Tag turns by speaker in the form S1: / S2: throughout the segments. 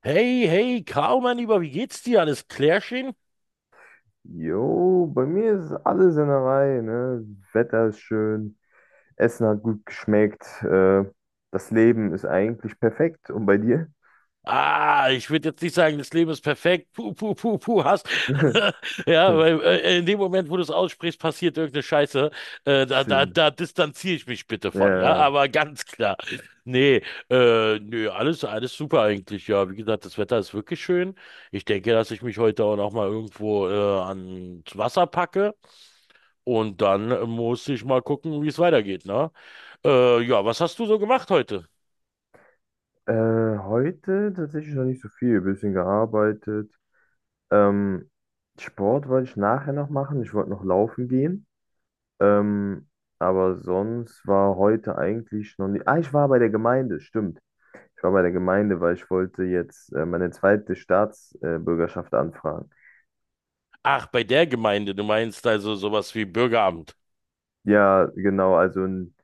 S1: Hey, hey, Kau, mein Lieber, wie geht's dir? Alles klärchen?
S2: Jo, bei mir ist alles in der Reihe, ne? Wetter ist schön, Essen hat gut geschmeckt, das Leben ist eigentlich perfekt. Und bei dir?
S1: Ah, ich würde jetzt nicht sagen, das Leben ist perfekt. Puh, puh, puh, puh, hast. Ja, weil in dem Moment, wo du es aussprichst, passiert irgendeine Scheiße. Äh, da, da,
S2: Stimmt.
S1: da distanziere ich mich bitte von, ja,
S2: Ja.
S1: aber ganz klar. Nee, nö, alles super eigentlich, ja. Wie gesagt, das Wetter ist wirklich schön. Ich denke, dass ich mich heute auch noch mal irgendwo ans Wasser packe und dann muss ich mal gucken, wie es weitergeht, ne? Ja, was hast du so gemacht heute?
S2: Heute tatsächlich noch nicht so viel, ein bisschen gearbeitet. Ähm, Sport wollte ich nachher noch machen, ich wollte noch laufen gehen. Ähm, aber sonst war heute eigentlich noch nicht. Ah, ich war bei der Gemeinde, stimmt. Ich war bei der Gemeinde, weil ich wollte jetzt meine zweite Staatsbürgerschaft anfragen.
S1: Ach, bei der Gemeinde, du meinst also sowas wie Bürgeramt.
S2: Ja, genau, also n-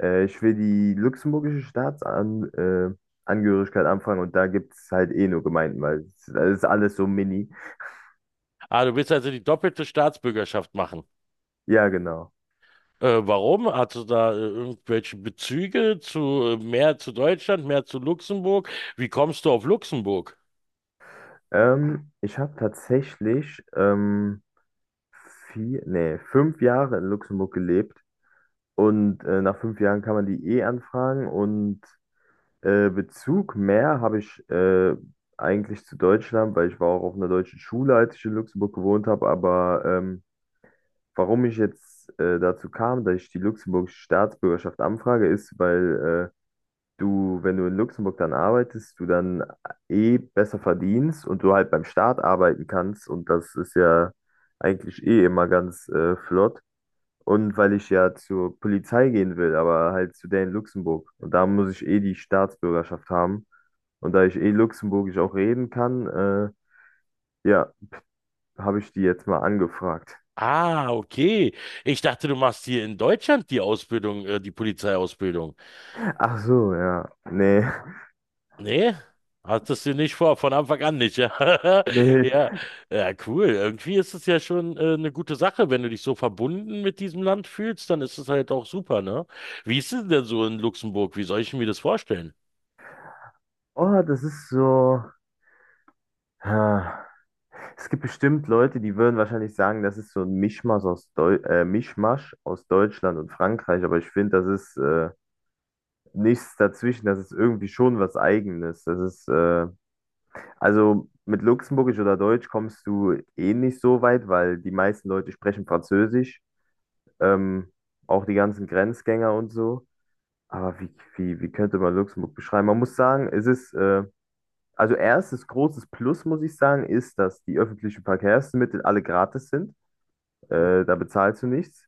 S2: äh, ich will die luxemburgische Staatsan Angehörigkeit anfragen, und da gibt es halt eh nur Gemeinden, weil es das ist alles so mini.
S1: Ah, du willst also die doppelte Staatsbürgerschaft machen.
S2: Ja, genau.
S1: Warum? Hast du da irgendwelche Bezüge zu mehr zu Deutschland, mehr zu Luxemburg? Wie kommst du auf Luxemburg?
S2: Ich habe tatsächlich 4, nee, 5 Jahre in Luxemburg gelebt und nach 5 Jahren kann man die eh anfragen. Und Bezug mehr habe ich eigentlich zu Deutschland, weil ich war auch auf einer deutschen Schule, als ich in Luxemburg gewohnt habe. Aber warum ich jetzt dazu kam, dass ich die luxemburgische Staatsbürgerschaft anfrage, ist, weil du, wenn du in Luxemburg dann arbeitest, du dann eh besser verdienst und du halt beim Staat arbeiten kannst. Und das ist ja eigentlich eh immer ganz flott. Und weil ich ja zur Polizei gehen will, aber halt zu der in Luxemburg. Und da muss ich eh die Staatsbürgerschaft haben. Und da ich eh Luxemburgisch auch reden kann, ja, habe ich die jetzt mal angefragt.
S1: Ah, okay. Ich dachte, du machst hier in Deutschland die Ausbildung, die Polizeiausbildung.
S2: Ach so, ja. Nee,
S1: Nee, hattest du nicht vor, von Anfang an nicht, ja.
S2: nee.
S1: Ja, ja, cool. Irgendwie ist es ja schon eine gute Sache, wenn du dich so verbunden mit diesem Land fühlst, dann ist es halt auch super, ne? Wie ist es denn so in Luxemburg? Wie soll ich mir das vorstellen?
S2: Oh, das ist so. Ha. Es gibt bestimmt Leute, die würden wahrscheinlich sagen, das ist so ein Mischmasch aus, Deu Mischmasch aus Deutschland und Frankreich, aber ich finde, das ist nichts dazwischen, das ist irgendwie schon was Eigenes. Das ist, also mit Luxemburgisch oder Deutsch kommst du eh nicht so weit, weil die meisten Leute sprechen Französisch. ähm, Auch die ganzen Grenzgänger und so. Aber wie könnte man Luxemburg beschreiben? Man muss sagen, es ist, also erstes großes Plus, muss ich sagen, ist, dass die öffentlichen Verkehrsmittel alle gratis sind. Da bezahlst du nichts.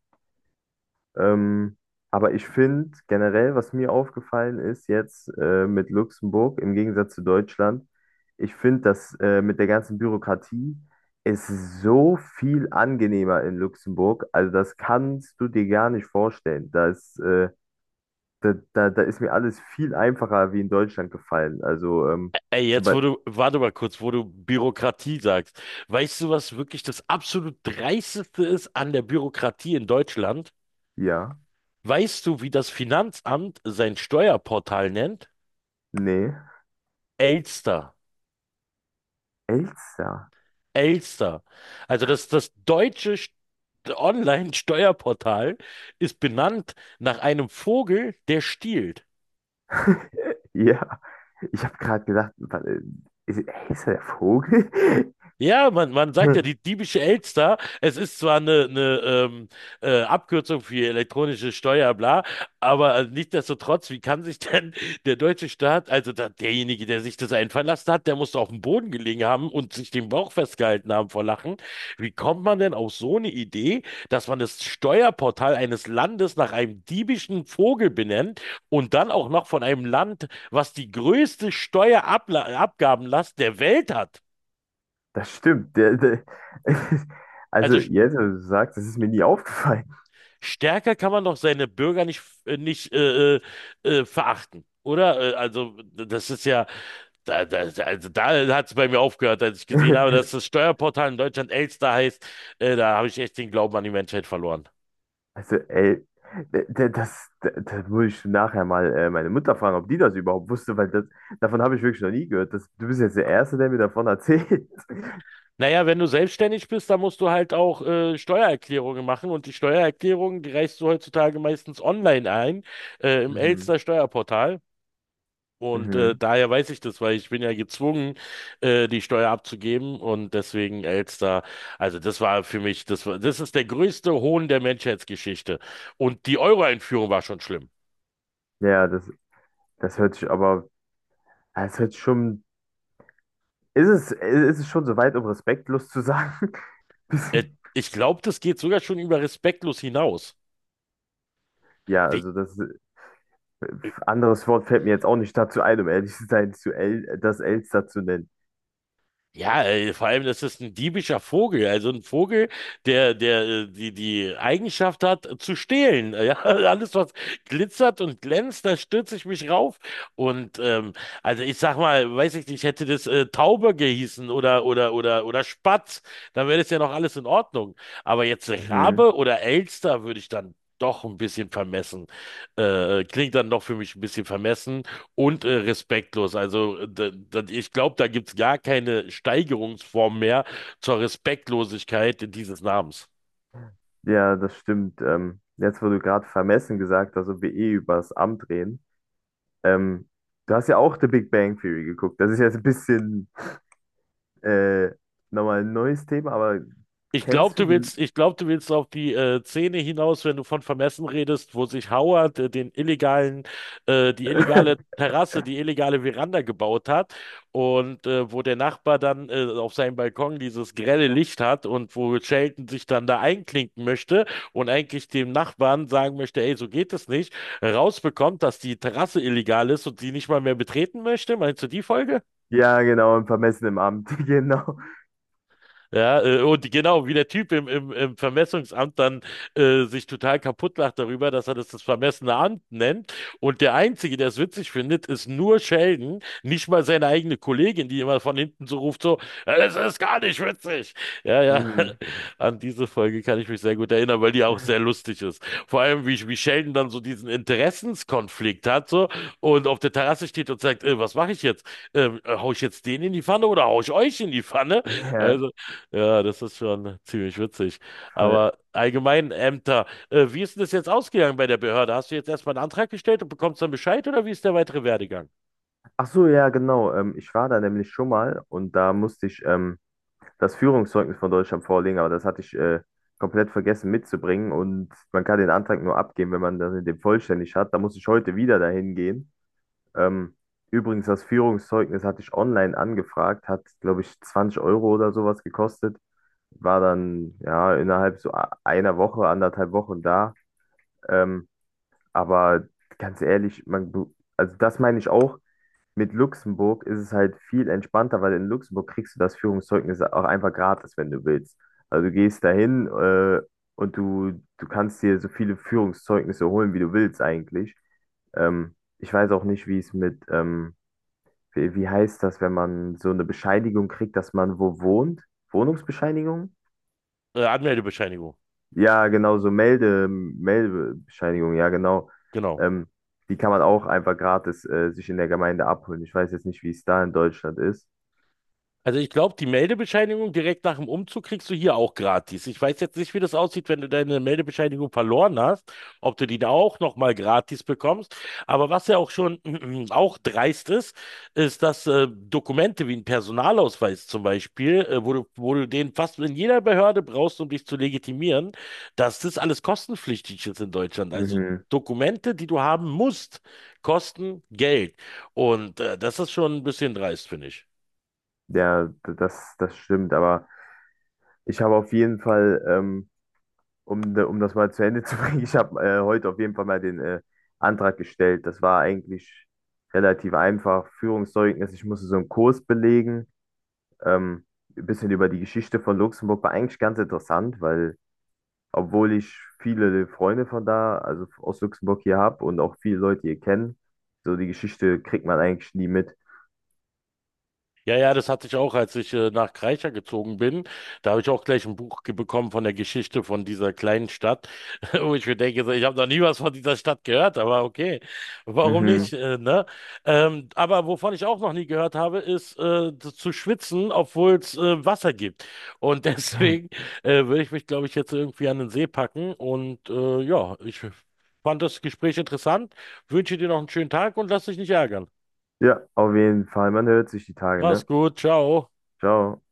S2: Ähm, aber ich finde generell, was mir aufgefallen ist jetzt mit Luxemburg im Gegensatz zu Deutschland, ich finde das mit der ganzen Bürokratie ist so viel angenehmer in Luxemburg. Also das kannst du dir gar nicht vorstellen. Da ist, da ist mir alles viel einfacher wie in Deutschland gefallen. Also
S1: Ey,
S2: zum
S1: jetzt wo
S2: Beispiel,
S1: du, warte mal kurz, wo du Bürokratie sagst. Weißt du, was wirklich das absolut Dreisteste ist an der Bürokratie in Deutschland?
S2: ja,
S1: Weißt du, wie das Finanzamt sein Steuerportal nennt?
S2: nee,
S1: Elster.
S2: Elster.
S1: Elster. Also das deutsche Online-Steuerportal ist benannt nach einem Vogel, der stiehlt.
S2: Ja, ich habe gerade gedacht, ist, ist er der Vogel?
S1: Ja, man sagt ja die diebische Elster. Es ist zwar eine Abkürzung für elektronische Steuer, bla, aber nichtsdestotrotz, wie kann sich denn der deutsche Staat, also da, derjenige, der sich das einfallen lassen hat, der muss doch auf dem Boden gelegen haben und sich den Bauch festgehalten haben vor Lachen. Wie kommt man denn auf so eine Idee, dass man das Steuerportal eines Landes nach einem diebischen Vogel benennt und dann auch noch von einem Land, was die größte Steuerabgabenlast der Welt hat?
S2: Das stimmt. Also,
S1: Also
S2: jetzt, wo du sagst, das ist mir nie aufgefallen.
S1: stärker kann man doch seine Bürger nicht, nicht verachten, oder? Also, das ist ja, da, da, also da hat es bei mir aufgehört, als ich gesehen habe, dass das Steuerportal in Deutschland Elster heißt. Da habe ich echt den Glauben an die Menschheit verloren.
S2: Also, ey, da muss ich nachher mal meine Mutter fragen, ob die das überhaupt wusste, weil davon habe ich wirklich noch nie gehört. Du bist jetzt der Erste, der mir davon erzählt.
S1: Naja, wenn du selbstständig bist, dann musst du halt auch Steuererklärungen machen und die Steuererklärungen, die reichst du heutzutage meistens online ein, im
S2: Mhm,
S1: Elster Steuerportal. Und
S2: mhm.
S1: daher weiß ich das, weil ich bin ja gezwungen, die Steuer abzugeben und deswegen Elster. Also das war für mich, das war, das ist der größte Hohn der Menschheitsgeschichte. Und die Euro-Einführung war schon schlimm.
S2: Ja, das hört sich aber, es hört sich schon, ist es schon so weit, um respektlos zu sagen?
S1: Äh,
S2: Bisschen-
S1: ich glaube, das geht sogar schon über respektlos hinaus.
S2: Ja,
S1: Wie?
S2: also anderes Wort fällt mir jetzt auch nicht dazu ein, um ehrlich zu sein, zu El, das Elster zu nennen.
S1: Ja, vor allem, das ist ein diebischer Vogel, also ein Vogel, der die Eigenschaft hat, zu stehlen. Ja, alles, was glitzert und glänzt, da stürze ich mich rauf. Und also ich sag mal, weiß ich nicht, hätte das Taube gehießen oder Spatz, dann wäre das ja noch alles in Ordnung. Aber jetzt
S2: Mhm.
S1: Rabe oder Elster würde ich dann doch ein bisschen vermessen. Klingt dann doch für mich ein bisschen vermessen. Und respektlos. Also, ich glaube, da gibt es gar keine Steigerungsform mehr zur Respektlosigkeit dieses Namens.
S2: Ja, das stimmt. Jetzt, wo du gerade vermessen gesagt hast, ob wir eh über das Amt reden. Ähm, Du hast ja auch The Big Bang Theory geguckt. Das ist jetzt ein bisschen äh, nochmal ein neues Thema, aber
S1: Ich glaube,
S2: kennst du
S1: du
S2: die?
S1: willst, ich glaub, du willst auf die Szene hinaus, wenn du von Vermessen redest, wo sich Howard die illegale Terrasse, die illegale Veranda gebaut hat und wo der Nachbar dann auf seinem Balkon dieses grelle Licht hat und wo Sheldon sich dann da einklinken möchte und eigentlich dem Nachbarn sagen möchte, ey, so geht es nicht, rausbekommt, dass die Terrasse illegal ist und sie nicht mal mehr betreten möchte. Meinst du die Folge?
S2: Ja, genau, im vermessenen Amt, genau.
S1: Ja, und genau, wie der Typ im Vermessungsamt dann sich total kaputt lacht darüber, dass er das vermessene Amt nennt. Und der Einzige, der es witzig findet, ist nur Sheldon, nicht mal seine eigene Kollegin, die immer von hinten so ruft, so, "Ja, das ist gar nicht witzig. Ja, ja,
S2: Mhm.
S1: an diese Folge kann ich mich sehr gut erinnern, weil die auch sehr lustig ist. Vor allem, wie Sheldon dann so diesen Interessenskonflikt hat, so, und auf der Terrasse steht und sagt, was mache ich jetzt? Hau ich jetzt den in die Pfanne oder hau ich euch in die Pfanne?
S2: Ja,
S1: Also, ja, das ist schon ziemlich witzig.
S2: voll.
S1: Aber allgemein Ämter, wie ist denn das jetzt ausgegangen bei der Behörde? Hast du jetzt erstmal einen Antrag gestellt und bekommst dann Bescheid oder wie ist der weitere Werdegang?
S2: Ach so, ja, genau. Ich war da nämlich schon mal und da musste ich das Führungszeugnis von Deutschland vorlegen, aber das hatte ich komplett vergessen mitzubringen, und man kann den Antrag nur abgeben, wenn man das in dem vollständig hat. Da muss ich heute wieder dahin gehen. Ähm, Übrigens, das Führungszeugnis hatte ich online angefragt, hat, glaube ich, 20 Euro oder sowas gekostet. War dann ja innerhalb einer Woche, anderthalb Wochen da. Ähm, aber ganz ehrlich, also das meine ich auch, mit Luxemburg ist es halt viel entspannter, weil in Luxemburg kriegst du das Führungszeugnis auch einfach gratis, wenn du willst. Also du gehst dahin und du kannst dir so viele Führungszeugnisse holen, wie du willst eigentlich. Ich weiß auch nicht, wie es mit, wie heißt das, wenn man so eine Bescheinigung kriegt, dass man wo wohnt? Wohnungsbescheinigung?
S1: Anmeldebescheinigung,
S2: Ja, genau, so Meldebescheinigung, ja, genau.
S1: genau.
S2: Ähm, Die kann man auch einfach gratis sich in der Gemeinde abholen. Ich weiß jetzt nicht, wie es da in Deutschland ist.
S1: Also ich glaube, die Meldebescheinigung direkt nach dem Umzug kriegst du hier auch gratis. Ich weiß jetzt nicht, wie das aussieht, wenn du deine Meldebescheinigung verloren hast, ob du die da auch nochmal gratis bekommst. Aber was ja auch schon auch dreist ist, ist, dass Dokumente wie ein Personalausweis zum Beispiel, wo du den fast in jeder Behörde brauchst, um dich zu legitimieren, dass das alles kostenpflichtig ist in Deutschland. Also
S2: Mhm.
S1: Dokumente, die du haben musst, kosten Geld. Und das ist schon ein bisschen dreist, finde ich.
S2: Ja, das stimmt, aber ich habe auf jeden Fall, um das mal zu Ende zu bringen, ich habe heute auf jeden Fall mal den Antrag gestellt. Das war eigentlich relativ einfach. Führungszeugnis, ich musste so einen Kurs belegen, ähm, ein bisschen über die Geschichte von Luxemburg, war eigentlich ganz interessant, weil obwohl ich viele Freunde von da, also aus Luxemburg hier habe und auch viele Leute hier kennen, so die Geschichte kriegt man eigentlich nie mit.
S1: Ja, ja, das hatte ich auch, als ich nach Kreischer gezogen bin. Da habe ich auch gleich ein Buch bekommen von der Geschichte von dieser kleinen Stadt, wo ich mir denke, so, ich habe noch nie was von dieser Stadt gehört, aber okay, warum nicht,
S2: Mhm.
S1: ne? Aber wovon ich auch noch nie gehört habe, ist zu schwitzen, obwohl es Wasser gibt. Und deswegen würde ich mich, glaube ich, jetzt irgendwie an den See packen. Und ja, ich fand das Gespräch interessant, wünsche dir noch einen schönen Tag und lass dich nicht ärgern.
S2: Ja, auf jeden Fall, man hört sich die Tage,
S1: Mach's
S2: ne?
S1: gut, ciao.
S2: Ciao.